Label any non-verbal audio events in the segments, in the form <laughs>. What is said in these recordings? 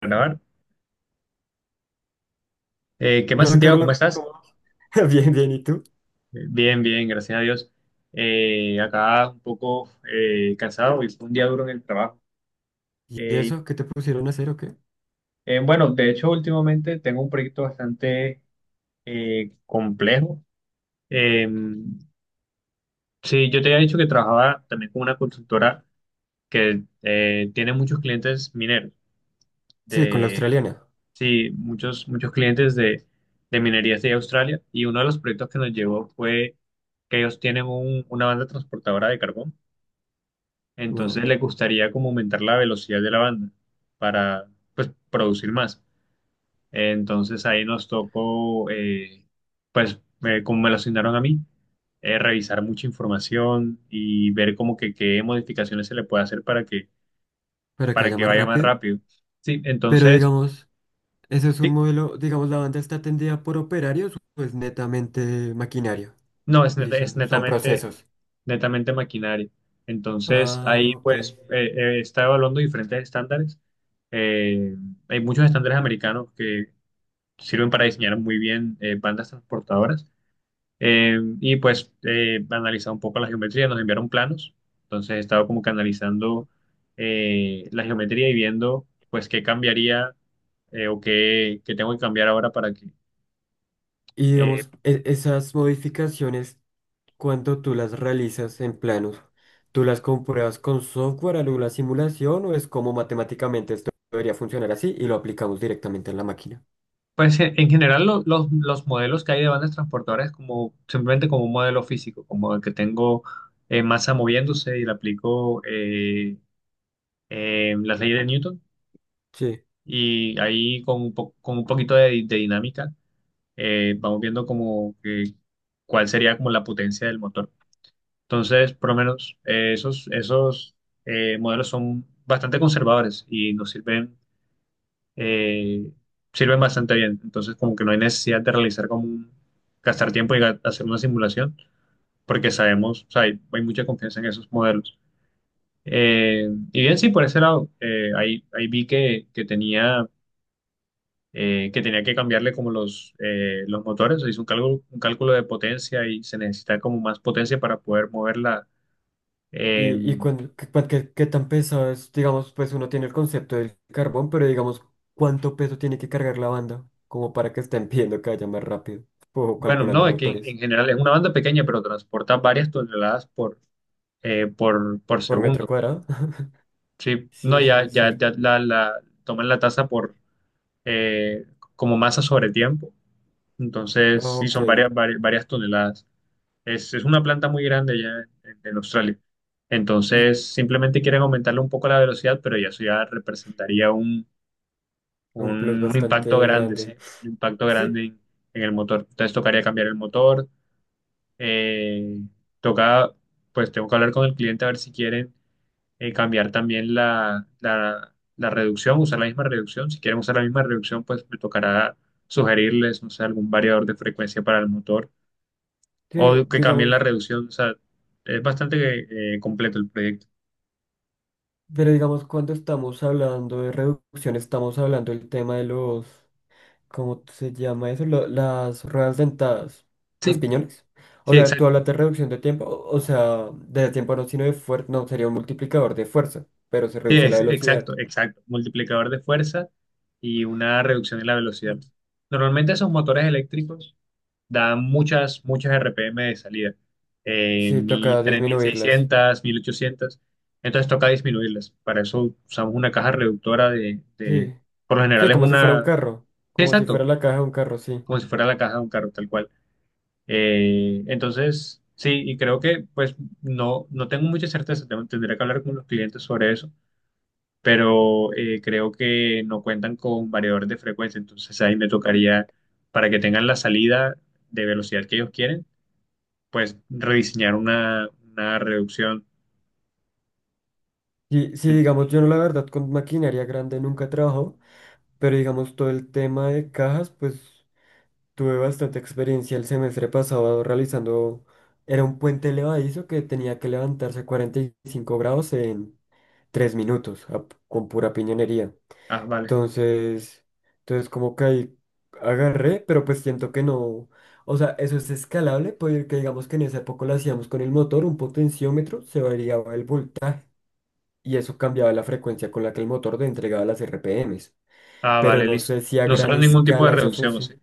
Grabar. ¿Qué más, Hola, Santiago? ¿Cómo Carlos, estás? ¿cómo vas? <laughs> Bien, bien, ¿y tú? Bien, bien, gracias a Dios. Acá un poco cansado y fue un día duro en el trabajo. ¿Y Eh, eso? ¿Qué te pusieron a hacer o qué? Bueno, de hecho, últimamente tengo un proyecto bastante complejo. Eh, sí, yo te había dicho que trabajaba también con una consultora que tiene muchos clientes mineros. Sí, con la australiana. Sí, muchos, clientes de minerías de Australia, y uno de los proyectos que nos llevó fue que ellos tienen una banda transportadora de carbón, entonces Wow, les gustaría como aumentar la velocidad de la banda para pues producir más. Entonces ahí nos tocó, pues como me lo asignaron a mí, revisar mucha información y ver como que qué modificaciones se le puede hacer para que para vaya que más vaya más rápido. rápido. Sí, Pero entonces, digamos, eso es un sí, modelo, digamos, la banda está atendida por operarios, pues netamente maquinaria. no, Y es son netamente procesos. Maquinaria. Entonces, ahí Ah, ok. pues está evaluando diferentes estándares. Eh, Hay muchos estándares americanos que sirven para diseñar muy bien bandas transportadoras. Y pues analizar un poco la geometría, nos enviaron planos. Entonces, he estado como que analizando la geometría y viendo pues qué cambiaría o qué, qué tengo que cambiar ahora para que, Y eh, digamos, esas modificaciones, cuando tú las realizas en planos, ¿tú las compruebas con software, alguna simulación o es como matemáticamente esto debería funcionar así y lo aplicamos directamente en la máquina? pues en general los, modelos que hay de bandas transportadoras es como simplemente como un modelo físico, como el que tengo masa moviéndose y le aplico las leyes de Newton, Sí. y ahí con con un poquito de, dinámica vamos viendo como que cuál sería como la potencia del motor. Entonces, por lo menos esos, modelos son bastante conservadores y nos sirven, eh, sirven bastante bien. Entonces, como que no hay necesidad de realizar como gastar tiempo y hacer una simulación, porque sabemos, o sea, hay, mucha confianza en esos modelos. Y bien, sí, por ese lado, ahí, vi que, tenía, que tenía que cambiarle como los motores, hizo un cálculo de potencia y se necesita como más potencia para poder moverla. eh, Y qué tan pesado es, digamos, pues uno tiene el concepto del carbón, pero digamos, ¿cuánto peso tiene que cargar la banda? Como para que estén <laughs> pidiendo que vaya más rápido, o bueno, no, calculando es que en, motores general es una banda pequeña, pero transporta varias toneladas por, por metro segundo. cuadrado. <laughs> Sí, no, Sí, sí, debe ya, ya, ser. ya toman la tasa por eh, como masa sobre tiempo. Ah, Entonces, sí, ok, son varias, varias, varias toneladas. Es una planta muy grande ya en, Australia. y Entonces, simplemente quieren aumentarle un poco la velocidad, pero ya eso ya representaría un plus un impacto bastante grande, sí, grande. un impacto Sí, grande en, el motor. Entonces, tocaría cambiar el motor. eh, Toca, pues tengo que hablar con el cliente a ver si quieren cambiar también la reducción, usar la misma reducción. Si quieren usar la misma reducción, pues me tocará sugerirles, no sé, algún variador de frecuencia para el motor, tío, o que cambien digamos, la reducción. O sea, es bastante completo el proyecto. pero digamos, cuando estamos hablando de reducción, estamos hablando del tema de los. ¿Cómo se llama eso? Las ruedas dentadas, los Sí, piñones. O sí, sea, tú exacto. hablas de reducción de tiempo, o sea, de tiempo no, sino de fuerza, no, sería un multiplicador de fuerza, pero se Sí, reduce la velocidad. exacto, exacto. Multiplicador de fuerza y una reducción en la velocidad. Normalmente esos motores eléctricos da muchas, muchas RPM de salida, Sí, mi toca tres mil disminuirlas. seiscientos, 1800, entonces toca disminuirlas. Para eso usamos una caja reductora Sí, por lo sí, general es como si fuera un una, carro, sí, como si exacto, fuera la caja de un carro, sí. como si fuera la caja de un carro, tal cual. Entonces, sí, y creo que pues no, no tengo mucha certeza, tendré que hablar con los clientes sobre eso, pero creo que no cuentan con variadores de frecuencia, entonces ahí me tocaría, para que tengan la salida de velocidad que ellos quieren, pues rediseñar una reducción. Y sí, digamos, yo no la verdad con maquinaria grande nunca trabajo, pero digamos todo el tema de cajas, pues tuve bastante experiencia el semestre pasado realizando. Era un puente elevadizo que tenía que levantarse 45 grados en 3 minutos con pura piñonería. Ah, vale. Entonces, entonces como que ahí agarré, pero pues siento que no, o sea, eso es escalable porque digamos que en esa época lo hacíamos con el motor, un potenciómetro, se variaba el voltaje y eso cambiaba la frecuencia con la que el motor te entregaba las RPMs. Ah, Pero vale, no listo. sé si a No gran será ningún tipo de escala esa reducción, ¿o sí? función.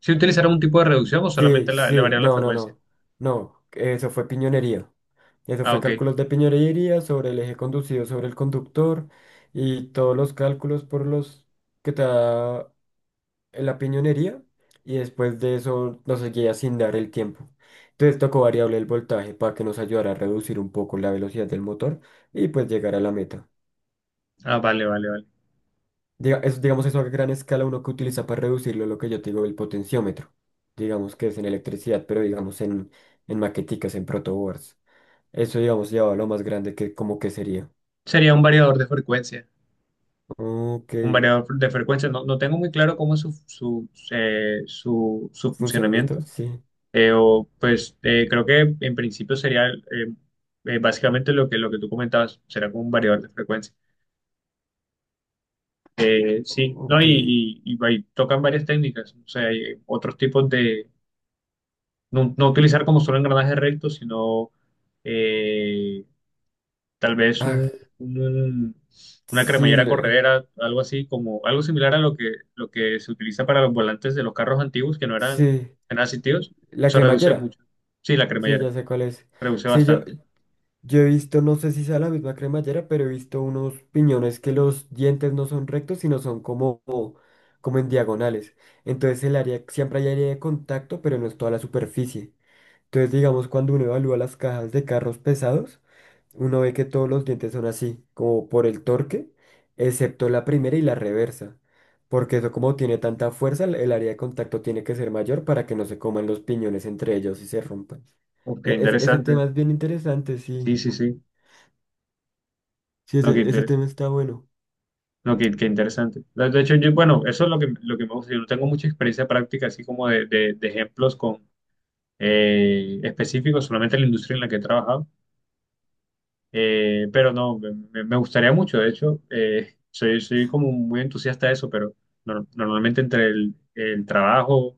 ¿Sí utilizará un tipo de reducción o Sí, solamente le sí, varían la no, no, frecuencia? no, no, eso fue piñonería. Eso Ah, fue ok. cálculos de piñonería sobre el eje conducido sobre el conductor y todos los cálculos por los que te da la piñonería y después de eso nos seguía sin dar el tiempo. Entonces tocó variable el voltaje para que nos ayudara a reducir un poco la velocidad del motor y pues llegar a la meta. Ah, vale, vale, vale. Diga- es, digamos eso a gran escala uno que utiliza para reducirlo, lo que yo te digo, el potenciómetro. Digamos que es en electricidad, pero digamos en, maqueticas, en protoboards. Eso, digamos, llevado a lo más grande que como que sería. Sería un variador de frecuencia. Ok. Un variador de frecuencia. No, no tengo muy claro cómo es su, su, su, ¿Funcionamiento? funcionamiento. Sí. O, pues creo que en principio sería básicamente lo que tú comentabas. Será como un variador de frecuencia. Sí, no, Ok. Y, y tocan varias técnicas, o sea, hay otros tipos de, no, no utilizar como solo engranaje recto, sino eh, tal vez Ah, un- una sí, cremallera corredera, algo así, como algo similar a lo que se utiliza para los volantes de los carros antiguos que no eran, sí. eran asistidos, La se reduce cremallera. mucho. Sí, la Sí, cremallera, ya sé cuál es. reduce Sí, yo, bastante. Yo he visto, no sé si sea la misma cremallera, pero he visto unos piñones que los dientes no son rectos, sino son como, como en diagonales. Entonces el área, siempre hay área de contacto, pero no es toda la superficie. Entonces, digamos, cuando uno evalúa las cajas de carros pesados, uno ve que todos los dientes son así, como por el torque, excepto la primera y la reversa. Porque eso como tiene tanta fuerza, el área de contacto tiene que ser mayor para que no se coman los piñones entre ellos y se rompan. Ok, Ese interesante. tema es bien interesante, sí. Sí, sí, sí. Sí, No, que ese inter- tema está bueno. No, qué, qué interesante. De hecho, yo, bueno, eso es lo que me gusta. Yo no tengo mucha experiencia práctica, así como de, de ejemplos con, específicos, solamente en la industria en la que he trabajado. Pero no, me, me gustaría mucho. De hecho, soy, soy como muy entusiasta de eso, pero normalmente entre el trabajo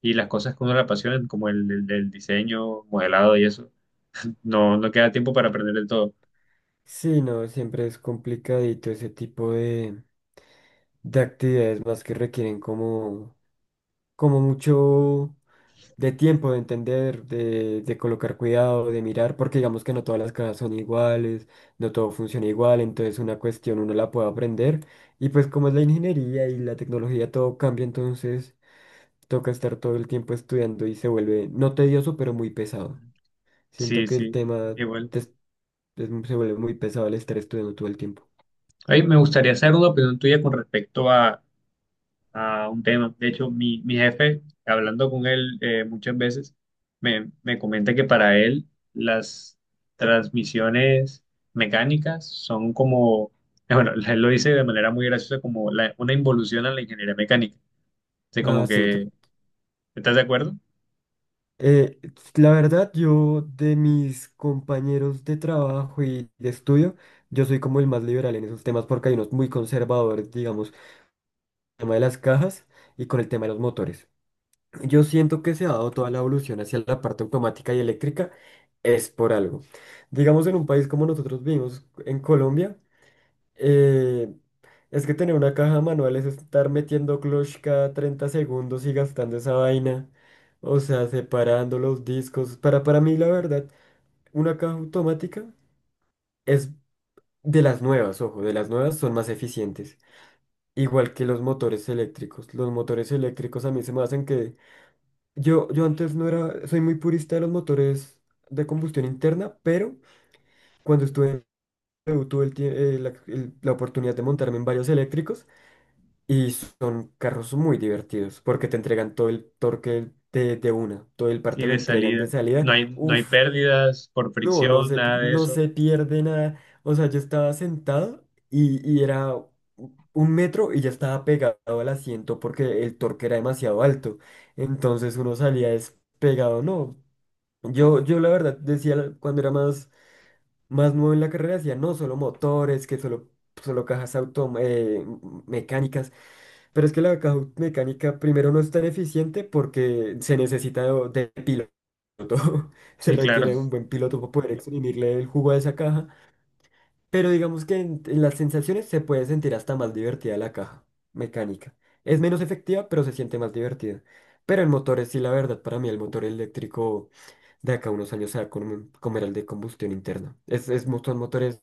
y las cosas que uno le apasionan, como el, el diseño, modelado y eso, <laughs> no, no queda tiempo para aprender del todo. Sí, no, siempre es complicadito ese tipo de actividades más que requieren como, como mucho de tiempo, de entender, de colocar cuidado, de mirar, porque digamos que no todas las casas son iguales, no todo funciona igual, entonces una cuestión uno la puede aprender y pues como es la ingeniería y la tecnología todo cambia, entonces toca estar todo el tiempo estudiando y se vuelve no tedioso, pero muy pesado. Siento Sí, que el sí, tema igual. te es- se vuelve muy pesado el estar estudiando todo el tiempo. Ay, me gustaría saber una opinión tuya con respecto a un tema. De hecho, mi jefe, hablando con él muchas veces, me comenta que para él las transmisiones mecánicas son como, bueno, <laughs> él lo dice de manera muy graciosa, como una involución a la ingeniería mecánica. O sea, Ah, como sí. Que, ¿estás de acuerdo? eh, la verdad, yo de mis compañeros de trabajo y de estudio, yo soy como el más liberal en esos temas porque hay unos muy conservadores, digamos, con el tema de las cajas y con el tema de los motores. Yo siento que se ha dado toda la evolución hacia la parte automática y eléctrica es por algo. Digamos, en un país como nosotros vivimos, en Colombia, Eh, es que tener una caja manual es estar metiendo clutch cada 30 segundos y gastando esa vaina. O sea, separando los discos. Para mí, la verdad, una caja automática es de las nuevas, ojo, de las nuevas son más eficientes. Igual que los motores eléctricos. Los motores eléctricos a mí se me hacen que... Yo antes no era... Soy muy purista de los motores de combustión interna, pero cuando estuve en... PRO, tuve el tie- la el- la oportunidad de montarme en varios eléctricos. Y son carros muy divertidos porque te entregan todo el torque de una, todo el par Sí, te lo de entregan de salida. salida. No hay, no hay Uf, pérdidas por no, no fricción, nada de no eso. se pierde nada. O sea, yo estaba sentado y era un metro y ya estaba pegado al asiento porque el torque era demasiado alto. Entonces uno salía despegado, no. Yo la verdad decía cuando era más nuevo en la carrera, decía, no, solo motores, que solo, solo cajas autom mecánicas. Pero es que la caja mecánica primero no es tan eficiente porque se necesita de piloto. <laughs> Se Sí, claro. requiere un buen piloto para poder exprimirle el jugo a esa caja. Pero digamos que en las sensaciones se puede sentir hasta más divertida la caja mecánica. Es menos efectiva, pero se siente más divertida. Pero el motor es sí, la verdad, para mí el motor eléctrico de acá a unos años se va a comer al de combustión interna. Son motores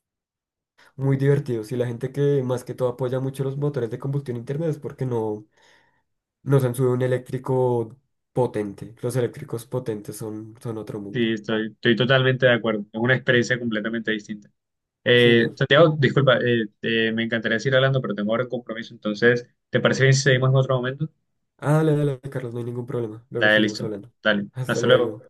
muy divertidos y la gente que más que todo apoya mucho los motores de combustión interna es porque no nos han subido un eléctrico potente. Los eléctricos potentes son, son otro Sí, mundo. estoy, estoy totalmente de acuerdo. Es una experiencia completamente distinta. Sí, no. Santiago, disculpa, me encantaría seguir hablando, pero tengo ahora un compromiso, entonces, ¿te parece bien si seguimos en otro momento? Ah, dale, dale, Carlos, no hay ningún problema. Luego Dale, seguimos listo. hablando. Dale, Hasta hasta luego. luego.